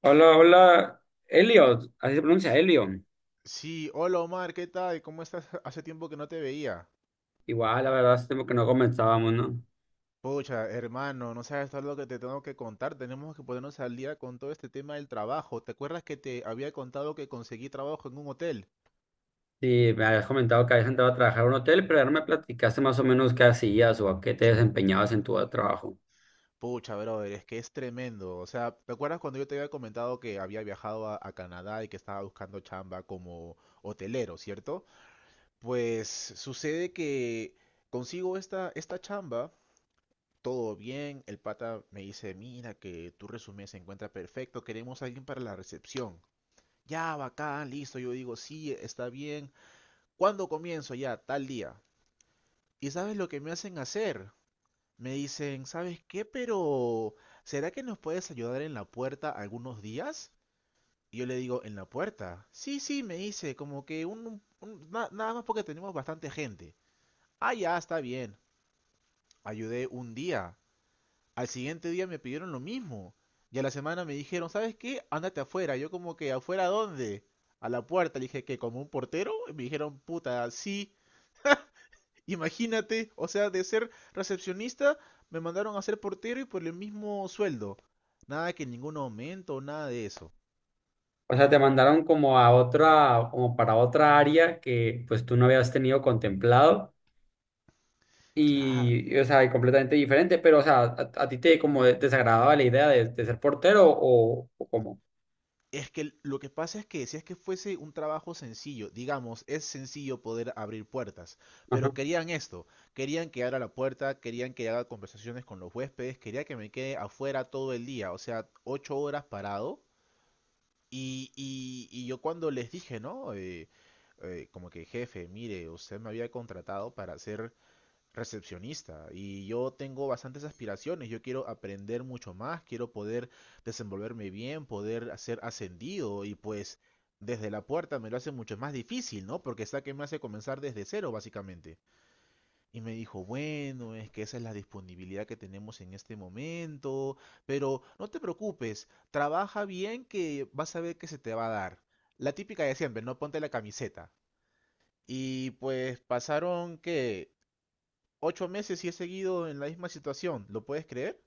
Hola, hola, Elliot, así se pronuncia Elion. Sí, hola Omar, ¿qué tal? ¿Cómo estás? Hace tiempo que no te veía. Igual, la verdad, hace tiempo que no comentábamos, ¿no? Pucha, hermano, no sabes todo lo que te tengo que contar. Tenemos que ponernos al día con todo este tema del trabajo. ¿Te acuerdas que te había contado que conseguí trabajo en un hotel? Sí, me habías comentado que habías entrado a trabajar a un hotel, pero ya no me platicaste más o menos qué hacías o a qué te desempeñabas en tu trabajo. Pucha, brother, es que es tremendo. O sea, ¿te acuerdas cuando yo te había comentado que había viajado a Canadá y que estaba buscando chamba como hotelero, ¿cierto? Pues sucede que consigo esta chamba todo bien. El pata me dice, mira que tu resumen se encuentra perfecto, queremos a alguien para la recepción. Ya, bacán, listo. Yo digo, sí, está bien. ¿Cuándo comienzo? Ya, tal día. ¿Y sabes lo que me hacen hacer? Me dicen, ¿sabes qué? Pero, ¿será que nos puedes ayudar en la puerta algunos días? Y yo le digo, ¿en la puerta? Sí, sí, me dice, como que nada más porque tenemos bastante gente. Ah, ya, está bien. Ayudé un día. Al siguiente día me pidieron lo mismo. Y a la semana me dijeron, ¿sabes qué? Ándate afuera. Yo como que, ¿afuera dónde? A la puerta. Le dije, que ¿como un portero? Y me dijeron, puta, sí. Imagínate, o sea, de ser recepcionista me mandaron a ser portero y por el mismo sueldo. Nada que ningún aumento, nada de eso. O sea, te mandaron como a otra, como para otra área que pues tú no habías tenido contemplado Claro. O sea, y completamente diferente, pero, o sea, a ti te como desagradaba la idea de ser portero o cómo. Es que lo que pasa es que si es que fuese un trabajo sencillo, digamos, es sencillo poder abrir puertas, Ajá. pero querían esto, querían que abra la puerta, querían que haga conversaciones con los huéspedes, quería que me quede afuera todo el día, o sea, 8 horas parado. Y yo cuando les dije, ¿no? Como que jefe, mire, usted me había contratado para hacer recepcionista y yo tengo bastantes aspiraciones, yo quiero aprender mucho más, quiero poder desenvolverme bien, poder ser ascendido y pues desde la puerta me lo hace mucho más difícil, ¿no? Porque está que me hace comenzar desde cero básicamente. Y me dijo, bueno, es que esa es la disponibilidad que tenemos en este momento, pero no te preocupes, trabaja bien que vas a ver que se te va a dar. La típica de siempre, no, ponte la camiseta. Y pues pasaron que 8 meses y he seguido en la misma situación, ¿lo puedes creer?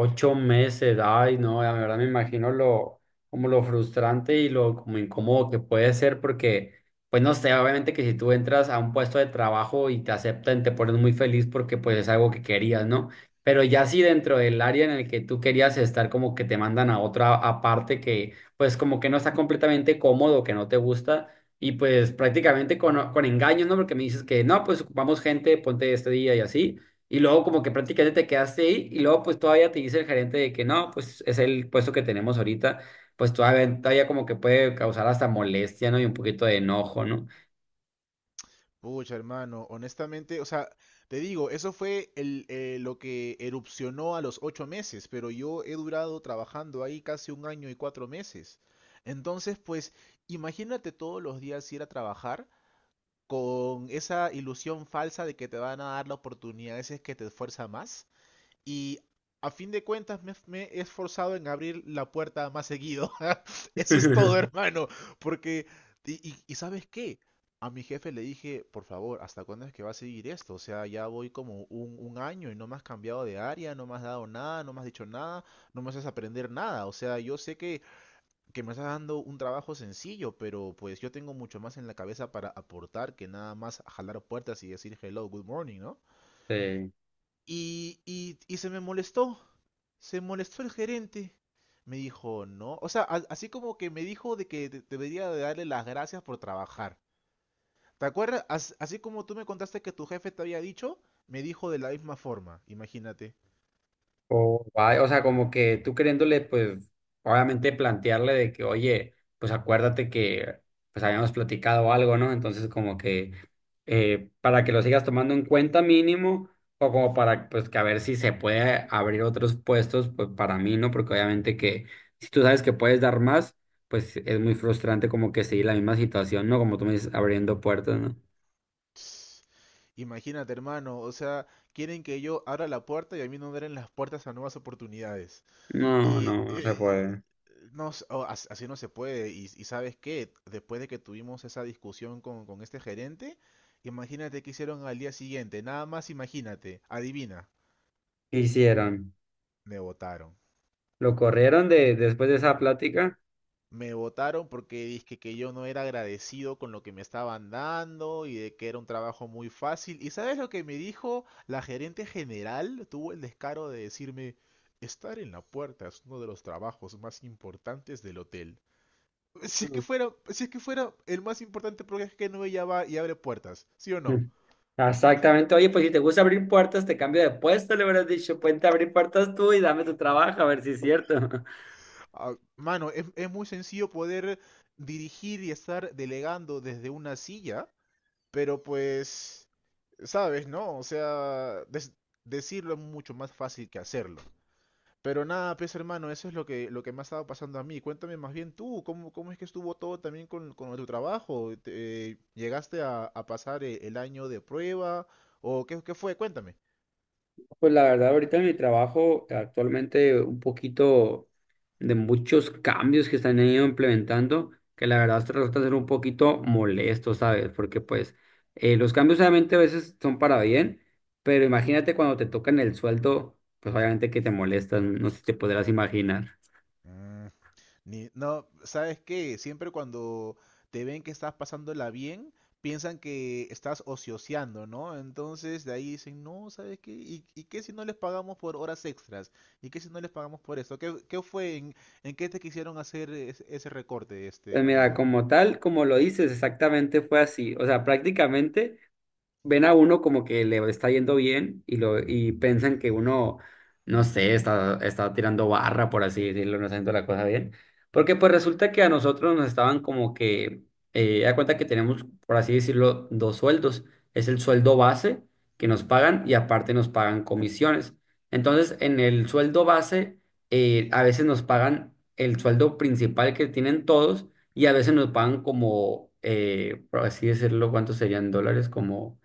Ocho meses, ay, no, la verdad me imagino lo, como lo frustrante y lo como incómodo que puede ser porque, pues no sé, obviamente que si tú entras a un puesto de trabajo y te aceptan, te pones muy feliz porque pues es algo que querías, ¿no? Pero ya si dentro del área en el que tú querías estar, como que te mandan a otra aparte que, pues como que no está completamente cómodo, que no te gusta y pues prácticamente con engaños, ¿no? Porque me dices que no, pues ocupamos gente, ponte este día y así. Y luego como que prácticamente te quedaste ahí y luego pues todavía te dice el gerente de que no, pues es el puesto que tenemos ahorita, pues todavía como que puede causar hasta molestia, ¿no? Y un poquito de enojo, ¿no? Pucha, hermano, honestamente, o sea, te digo, eso fue lo que erupcionó a los 8 meses, pero yo he durado trabajando ahí casi un año y 4 meses. Entonces, pues, imagínate todos los días ir a trabajar con esa ilusión falsa de que te van a dar la oportunidad, ese es que te esfuerza más. Y a fin de cuentas he esforzado en abrir la puerta más seguido. Eso es todo, hermano. Porque, y, ¿sabes qué? A mi jefe le dije, por favor, ¿hasta cuándo es que va a seguir esto? O sea, ya voy como un año y no me has cambiado de área, no me has dado nada, no me has dicho nada, no me haces aprender nada. O sea, yo sé que me estás dando un trabajo sencillo, pero pues yo tengo mucho más en la cabeza para aportar que nada más jalar puertas y decir hello, good morning, ¿no? Sí. Y, y, y, se me molestó, se molestó el gerente. Me dijo, no. O sea, así como que me dijo de que debería de darle las gracias por trabajar. ¿Te acuerdas? Así como tú me contaste que tu jefe te había dicho, me dijo de la misma forma. Imagínate. O guay. O sea, como que tú queriéndole, pues, obviamente plantearle de que, oye, pues acuérdate que, pues habíamos platicado algo, ¿no? Entonces, como que, para que lo sigas tomando en cuenta mínimo, o como para, pues, que a ver si se puede abrir otros puestos, pues, para mí, ¿no? Porque obviamente que, si tú sabes que puedes dar más, pues, es muy frustrante como que seguir la misma situación, ¿no? Como tú me dices, abriendo puertas, ¿no? Imagínate, hermano. O sea, quieren que yo abra la puerta y a mí no me abren las puertas a nuevas oportunidades. No, Y no, no se puede. no, así no se puede. Y ¿sabes qué? Después de que tuvimos esa discusión con este gerente, imagínate qué hicieron al día siguiente. Nada más imagínate, adivina, ¿Qué hicieron? me votaron. ¿Lo corrieron de, después de esa plática? Me votaron porque dije que yo no era agradecido con lo que me estaban dando y de que era un trabajo muy fácil. ¿Y sabes lo que me dijo la gerente general? Tuvo el descaro de decirme, estar en la puerta es uno de los trabajos más importantes del hotel. Si es que fuera, si es que fuera el más importante porque es que no ya va y abre puertas, ¿sí o no? Mm. Exactamente. Oye, pues si te gusta abrir puertas, te cambio de puesto, le hubieras dicho, ponte a abrir puertas tú y dame tu trabajo, a ver si es cierto. Ah, mano, es muy sencillo poder dirigir y estar delegando desde una silla, pero pues, sabes, ¿no? O sea, decirlo es mucho más fácil que hacerlo. Pero nada, pues hermano, eso es lo que me ha estado pasando a mí. Cuéntame más bien tú, ¿cómo es que estuvo todo también con tu trabajo? Llegaste a pasar el año de prueba? ¿O qué fue? Cuéntame. Pues la verdad, ahorita en mi trabajo, actualmente un poquito de muchos cambios que están ido implementando, que la verdad se resulta ser un poquito molesto, ¿sabes? Porque pues los cambios obviamente a veces son para bien, pero imagínate cuando te tocan el sueldo, pues obviamente que te molestan, no sé si te podrás imaginar. Mm. No, ¿sabes qué? Siempre cuando te ven que estás pasándola bien, piensan que estás ocioseando, ¿no? Entonces de ahí dicen, no, ¿sabes qué? ¿Y qué si no les pagamos por horas extras? ¿Y qué si no les pagamos por esto? ¿Qué fue? ¿En qué te quisieron hacer ese recorte, este Pues mira, amigo? como tal, como lo dices, exactamente fue así. O sea, prácticamente ven a uno como que le está yendo bien y lo y piensan que uno, no sé, está tirando barra, por así decirlo, no está haciendo la cosa bien. Porque pues resulta que a nosotros nos estaban como que, da cuenta que tenemos, por así decirlo, dos sueldos. Es el sueldo base que nos Ujú, pagan y aparte nos pagan comisiones. Entonces, en el sueldo base, a veces nos pagan el sueldo principal que tienen todos y a veces nos pagan como, por así decirlo, ¿cuántos serían dólares? Como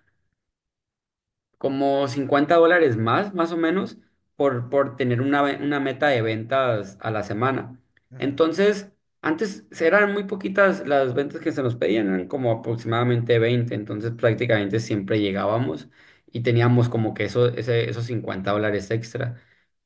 como $50 más, más o menos, por tener una, una meta de ventas a la semana. ujú. Entonces, antes eran muy poquitas las ventas que se nos pedían, eran como aproximadamente 20, entonces prácticamente siempre llegábamos y teníamos como que esos $50 extra.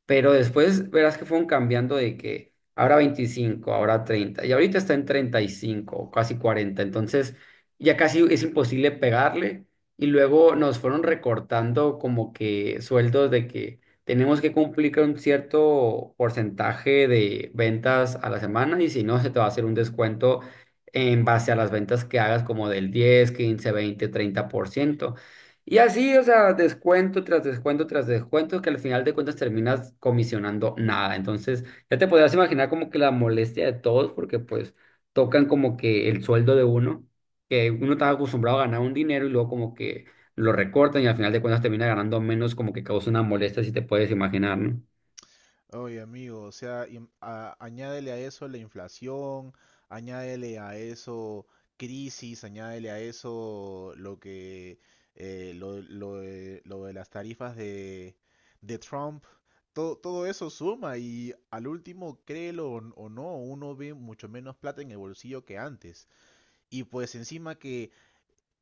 Pero después verás que fueron cambiando de que ahora 25, ahora 30 y ahorita está en 35, o casi 40. Entonces ya casi es imposible pegarle. Y luego nos fueron recortando como que sueldos de que tenemos que cumplir con un cierto porcentaje de ventas a la semana y si no, se te va a hacer un descuento en base a las ventas que hagas como del 10, 15, 20, 30%. Y así, o sea, descuento tras descuento tras descuento, que al final de cuentas terminas comisionando nada. Entonces, ya te podrás imaginar como que la molestia de todos, porque pues tocan como que el sueldo de uno, que uno está acostumbrado a ganar un dinero y luego como que lo recortan y al final de cuentas termina ganando menos, como que causa una molestia, si te puedes imaginar, ¿no? Oye, amigo, o sea, añádele a eso la inflación, añádele a eso crisis, añádele a eso lo que lo de las tarifas de Trump, todo eso suma y al último, créelo o no, uno ve mucho menos plata en el bolsillo que antes. Y pues encima que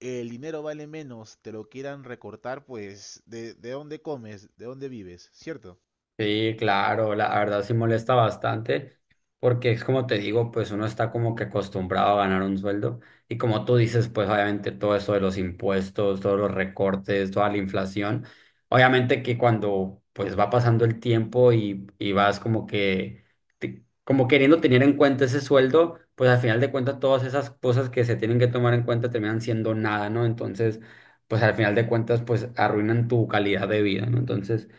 el dinero vale menos, te lo quieran recortar, pues ¿de dónde comes? ¿De dónde vives? ¿Cierto? Sí, claro, la verdad sí molesta bastante, porque es como te digo, pues uno está como que acostumbrado a ganar un sueldo y como tú dices, pues obviamente todo eso de los impuestos, todos los recortes, toda la inflación, obviamente que cuando pues va pasando el tiempo y vas como que, como queriendo tener en cuenta ese sueldo, pues al final de cuentas todas esas cosas que se tienen que tomar en cuenta terminan siendo nada, ¿no? Entonces, pues al final de cuentas, pues arruinan tu calidad de vida, ¿no? Entonces…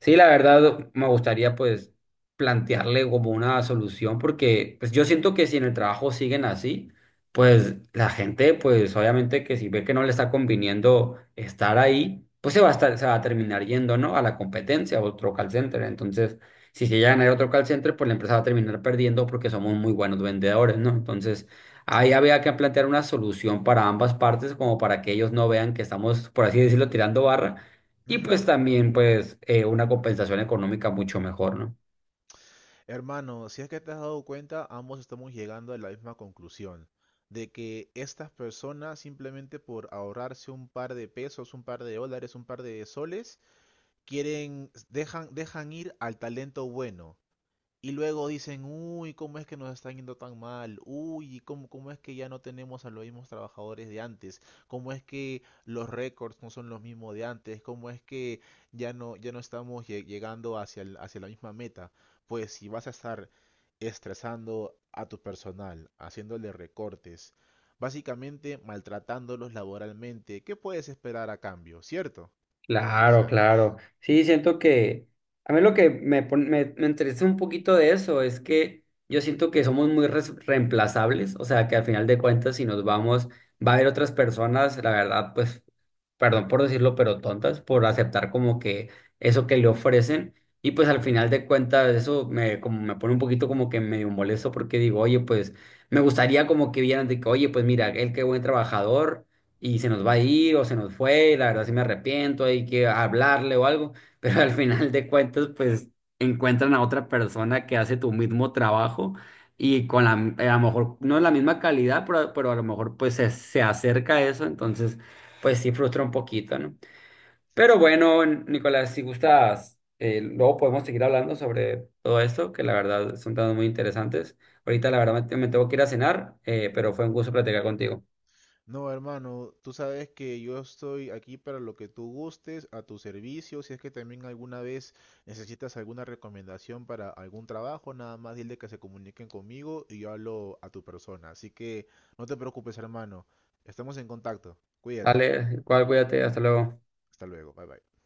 Sí, la verdad me gustaría pues plantearle como una solución porque pues yo siento que si en el trabajo siguen así, pues la gente pues obviamente que si ve que no le está conviniendo estar ahí, pues se va a estar, se va a terminar yendo, ¿no? A la competencia, a otro call center. Entonces, si se llegan a ir a otro call center, pues la empresa va a terminar perdiendo porque somos muy buenos vendedores, ¿no? Entonces, ahí había que plantear una solución para ambas partes como para que ellos no vean que estamos, por así decirlo, tirando barra y Ujú. pues también pues una compensación económica mucho mejor, ¿no? Hermano, si es que te has dado cuenta, ambos estamos llegando a la misma conclusión, de que estas personas simplemente por ahorrarse un par de pesos, un par de dólares, un par de soles, dejan ir al talento bueno. Y luego dicen, uy, ¿cómo es que nos están yendo tan mal? Uy, ¿cómo es que ya no tenemos a los mismos trabajadores de antes? ¿Cómo es que los récords no son los mismos de antes? ¿Cómo es que ya no, ya no estamos llegando hacia la misma meta? Pues si vas a estar estresando a tu personal, haciéndole recortes, básicamente maltratándolos laboralmente, ¿qué puedes esperar a cambio? ¿Cierto? Sí. Claro, claro. Sí, siento que a mí lo que me interesa un poquito de eso es que yo siento que somos muy reemplazables, o sea, que al final de cuentas si nos vamos, va a haber otras personas, la verdad, pues, perdón por decirlo, pero tontas por aceptar como que eso que le ofrecen y pues al final de cuentas eso me, como me pone un poquito como que medio molesto porque digo, oye, pues me gustaría como que vieran de que, oye, pues mira, él qué buen trabajador y se nos va a ir o se nos fue, y la verdad sí me arrepiento, hay que hablarle o algo, pero al final de cuentas pues encuentran a otra persona que hace tu mismo trabajo y con la, a lo mejor no es la misma calidad, pero a lo mejor pues se acerca a eso, entonces pues sí frustra un poquito, ¿no? Pero bueno, Nicolás, si gustas, luego podemos seguir hablando sobre todo esto, que la verdad son temas muy interesantes. Ahorita la verdad me tengo que ir a cenar, pero fue un gusto platicar contigo. No, hermano, tú sabes que yo estoy aquí para lo que tú gustes, a tu servicio. Si es que también alguna vez necesitas alguna recomendación para algún trabajo, nada más dile que se comuniquen conmigo y yo hablo a tu persona. Así que no te preocupes, hermano. Estamos en contacto. Cuídate. Dale, igual cuídate, hasta luego. Hasta luego. Bye bye.